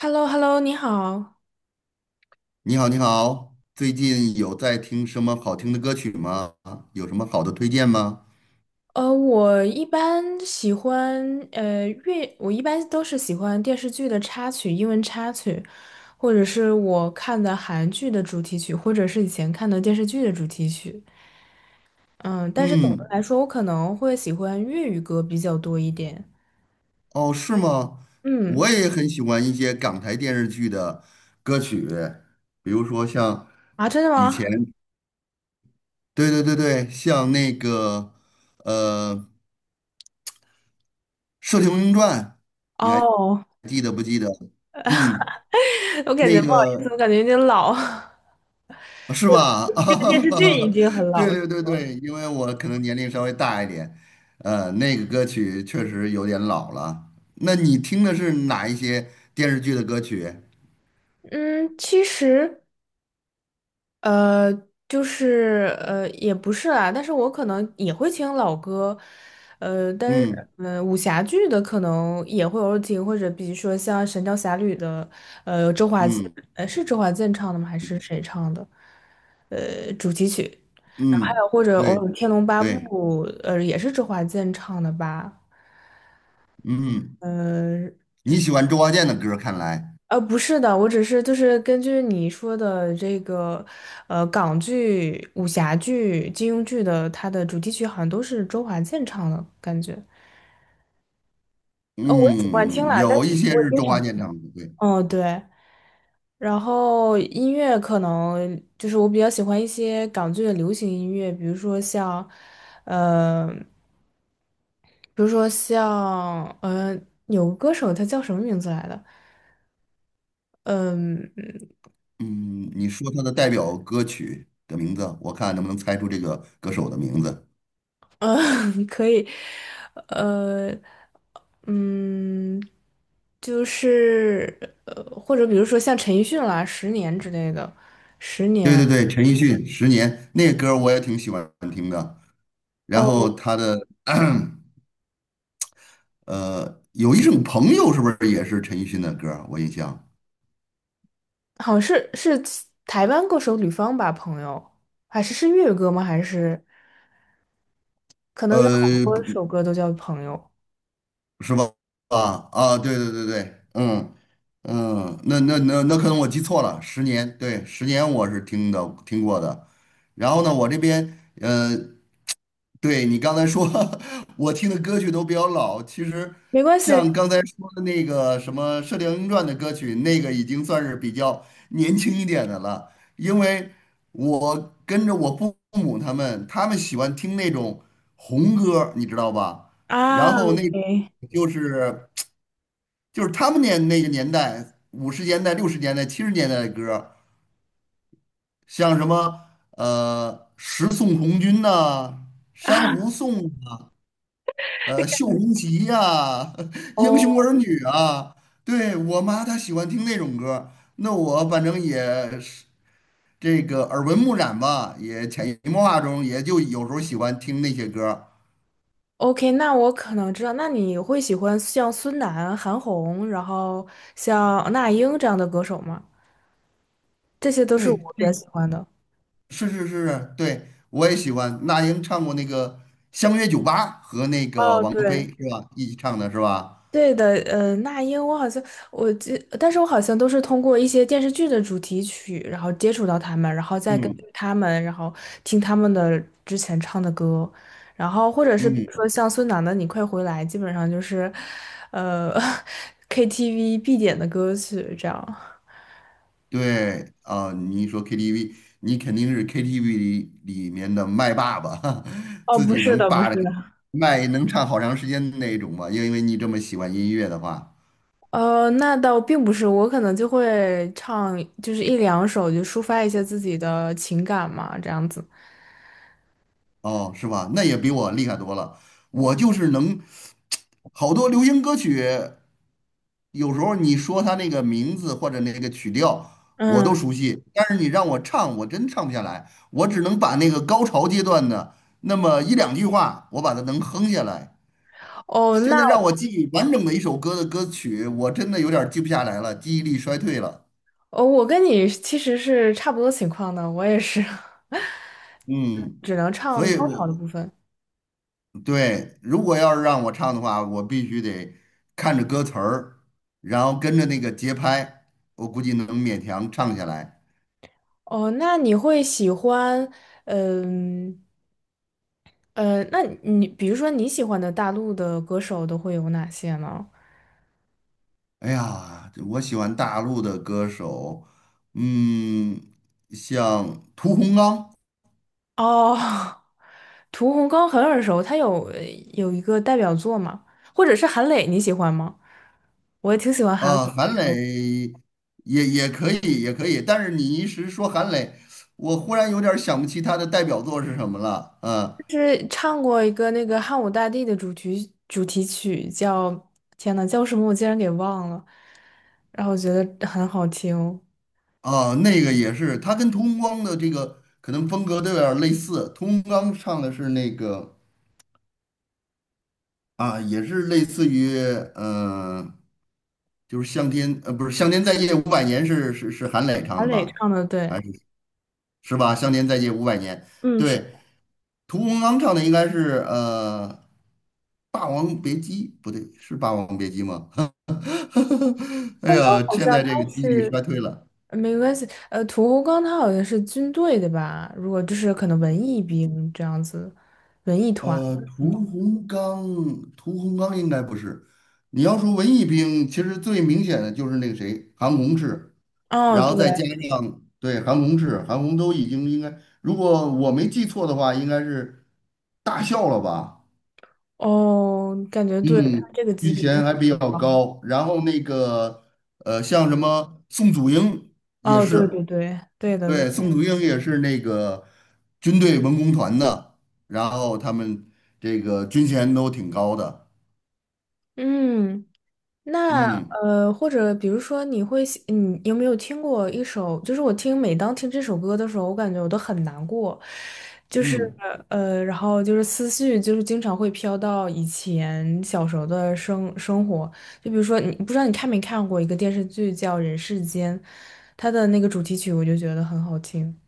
h e l l o h e l l o 你好。你好，你好，最近有在听什么好听的歌曲吗？有什么好的推荐吗？我一般喜欢我一般都是喜欢电视剧的插曲，英文插曲，或者是我看的韩剧的主题曲，或者是以前看的电视剧的主题曲。嗯，但是总的嗯，来说，我可能会喜欢粤语歌比较多一点。哦，是吗？嗯，我也很喜欢一些港台电视剧的歌曲，比如说像啊，真的以吗？前，对对对对，像那个呃《射雕英雄传》，你还哦，记得不记得？嗯，我感觉那不好意思，个我感觉有点老。是吧？这个电视剧啊，已经很对老了。对对对，因为我可能年龄稍微大一点，那个歌曲确实有点老了。那你听的是哪一些电视剧的歌曲？嗯，其实。呃，也不是啦，但是我可能也会听老歌，呃，但是嗯嗯、呃武侠剧的可能也会偶尔听，或者比如说像《神雕侠侣》的，周华健，嗯是周华健唱的吗？还是谁唱的？主题曲，然后还嗯，有或者偶对尔《天龙八对，部》，也是周华健唱的吧？嗯，呃你喜欢周华健的歌，看来，不是的，我只是就是根据你说的这个，港剧、武侠剧、金庸剧的，它的主题曲好像都是周华健唱的感觉。哦，我也喜欢听嗯，啦，但有一是些不会是经周常华健听。唱的，对，哦，对，然后音乐可能就是我比较喜欢一些港剧的流行音乐，呃，比如说像，有个歌手他叫什么名字来的？嗯。嗯，你说他的代表歌曲的名字，我看能不能猜出这个歌手的名字？嗯，可以，呃，嗯，就是或者比如说像陈奕迅啦，《十年》之类的，《十对年》对对，陈奕迅《十年》那个歌我也挺喜欢听的。然后哦，他的有一种朋友是不是也是陈奕迅的歌儿我印象，好像是台湾歌手吕方吧，朋友，还是粤语歌吗？还是可能有好呃，多不首歌都叫朋友，是吧？啊啊，对对对对，嗯嗯，那可能我记错了，十年，对，十年我是听过的。然后呢，我这边。对你刚才说，我听的歌曲都比较老。其实，没关像系 刚 才说的那个什么《射雕英雄传》的歌曲，那个已经算是比较年轻一点的了。因为我跟着我父母他们，他们喜欢听那种红歌，你知道吧？然啊后那，OK。就是就是他们那个年代，50年代、60年代、70年代的歌，像什么《十送红军》呐，《珊瑚颂》绣红旗呀、英雄哦儿女啊，对，我妈她喜欢听那种歌儿那我反正也是这个耳闻目染吧，也潜移默化中也就有时候喜欢听那些歌儿。，OK，那我可能知道，那你会喜欢像孙楠、韩红，然后像那英这样的歌手吗？这些都是我对，比这较喜欢的。是是是，对，我也喜欢。那英唱过那个《相约九八》和那个哦，王菲对，是吧？一起唱的是吧？对的，那英我好像我记，但是我好像都是通过一些电视剧的主题曲，然后接触到他们，然后再根据嗯他们，然后听他们的之前唱的歌，然后或者是比如嗯。说像孙楠的《你快回来》，基本上就是，呃，KTV 必点的歌曲这样。对啊，你一说 KTV，你肯定是 KTV 里面的麦霸吧？哦，自不己是能的，不是霸着的，麦能唱好长时间的那种吧？因为你这么喜欢音乐的话，那倒并不是，我可能就会唱，就是一两首，就抒发一下自己的情感嘛，这样子。哦，是吧？那也比我厉害多了。我就是能好多流行歌曲，有时候你说它那个名字或者那个曲调，我嗯，都熟悉，但是你让我唱，我真唱不下来。我只能把那个高潮阶段的那么一两句话，我把它能哼下来。哦，现那在让我记忆完整的一首歌的歌曲，我真的有点儿记不下来了，记忆力衰退了。哦，我跟你其实是差不多情况的，我也是，嗯，只能所唱以高潮我的部分。对，如果要是让我唱的话，我必须得看着歌词儿，然后跟着那个节拍，我估计能勉强唱下来。哦，那你会喜欢，嗯那你比如说你喜欢的大陆的歌手都会有哪些呢？哎呀，我喜欢大陆的歌手，嗯，像屠洪刚。哦，屠洪刚很耳熟，他有一个代表作嘛，或者是韩磊，你喜欢吗？我也挺喜欢韩啊，磊，韩磊也可以，也可以，但是你一时说韩磊，我忽然有点儿想不起他的代表作是什么了。啊就是唱过一个那个汉武大帝的主题曲，叫天呐，叫什么我竟然给忘了，然后我觉得很好听，啊，那个也是，他跟屠洪刚的这个可能风格都有点儿类似。屠洪刚唱的是那个啊，也是类似于嗯，就是《向天》不是《向天再借五百年》是是是韩磊唱韩的磊吧？唱的对，还是是吧？《向天再借五百年》嗯是，对，屠洪刚唱的应该是《霸王别姬》，不对，是《霸王别姬》吗？哎风刚，呀，好现像在他这个记忆力是衰退了。没关系，屠洪刚他好像是军队的吧，如果就是可能文艺兵这样子，文艺团，呃，嗯，屠洪刚，屠洪刚应该不是。你要说文艺兵，其实最明显的就是那个谁，韩红是，哦然后对。再加上对韩红是，韩红都已经应该，如果我没记错的话，应该是大笑了吧？哦，感觉对，他嗯，这个级军别应衔该还比较挺高的。高，然后那个像什么宋祖英也哦，对对是，对，对的对的。对，宋祖英也是那个军队文工团的，然后他们这个军衔都挺高的，嗯，那嗯或者比如说，你会喜，你有没有听过一首？就是我听，每当听这首歌的时候，我感觉我都很难过，就是嗯然后就是思绪，就是经常会飘到以前小时候的生活。就比如说，你不知道你看没看过一个电视剧叫《人世间》，它的那个主题曲，我就觉得很好听。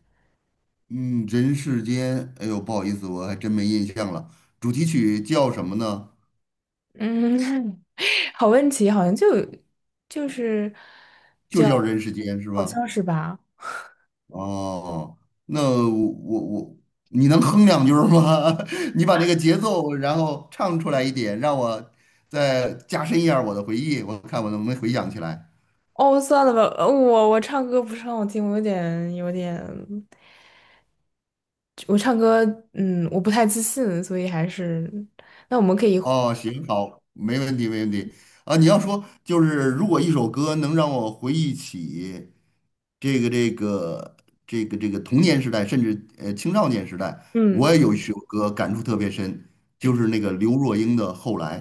嗯，人世间，哎呦，不好意思，我还真没印象了，主题曲叫什么呢？嗯，好问题，好像就就是就叫《人世间》是好吧？像是吧？哦，那我你能哼两句儿吗？你把那个节奏，然后唱出来一点，让我再加深一下我的回忆，我看我能不能回想起来。哦，算了吧，我唱歌不是很好听，我有点有点，我唱歌嗯，我不太自信，所以还是那我们可以互哦，行，好，没问题，没问题。啊，你要说就是如果一首歌能让我回忆起这个这个这个童年时代，甚至青少年时代，我嗯也有一首歌感触特别深，就是那个刘若英的《后来》。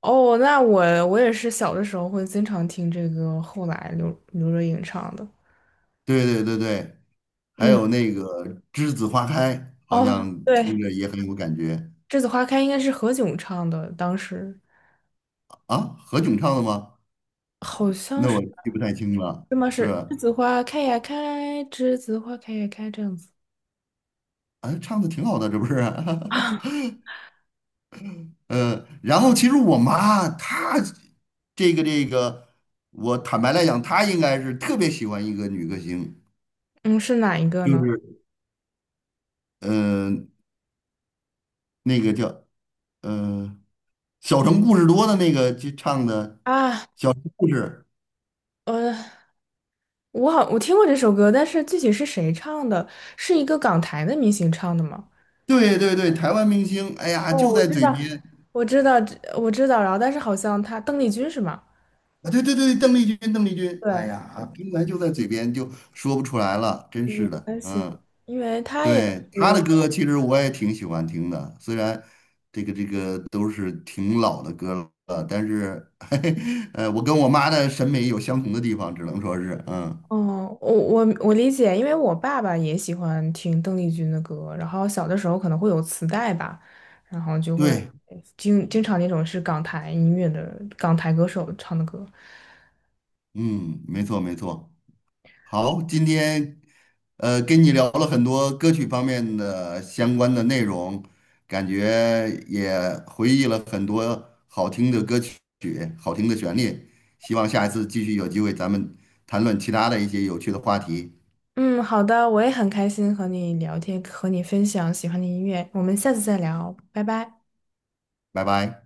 哦，那我我也是小的时候会经常听这个，后来刘若英唱的，对对对对，还嗯有那个《栀子花开》，好哦像听对，着也很有感觉《栀子花开》应该是何炅唱的，当时。啊。何炅唱的吗？好像那是。我记不太清了。对吗？是，是栀子花开呀开，栀子花开呀开这样子啊，唱的挺好的，这不是？啊？然后其实我妈她这个，我坦白来讲，她应该是特别喜欢一个女歌星，嗯，是哪一个就呢？是呃那个叫呃《小城故事多》的那个就唱的啊，《小城故事》。呃，我好，我听过这首歌，但是具体是谁唱的？是一个港台的明星唱的吗？对对对，台湾明星，哎呀，哦，就我在知嘴道，边我知道，我知道，然后但是好像他邓丽君是吗？啊！对对对，邓丽君，邓丽君，哎对，呀，平台就在嘴边，就说不出来了，真嗯，是的。关系，嗯，因为他也对，她是。的歌其实我也挺喜欢听的，虽然这个都是挺老的歌了，但是，嘿嘿，我跟我妈的审美有相同的地方，只能说是，嗯，哦，我理解，因为我爸爸也喜欢听邓丽君的歌，然后小的时候可能会有磁带吧，然后就会对，经常那种是港台音乐的港台歌手唱的歌。嗯，没错没错。好，今天跟你聊了很多歌曲方面的相关的内容，感觉也回忆了很多好听的歌曲、好听的旋律。希望下一次继续有机会咱们谈论其他的一些有趣的话题。嗯，好的，我也很开心和你聊天，和你分享喜欢的音乐，我们下次再聊，拜拜。拜拜。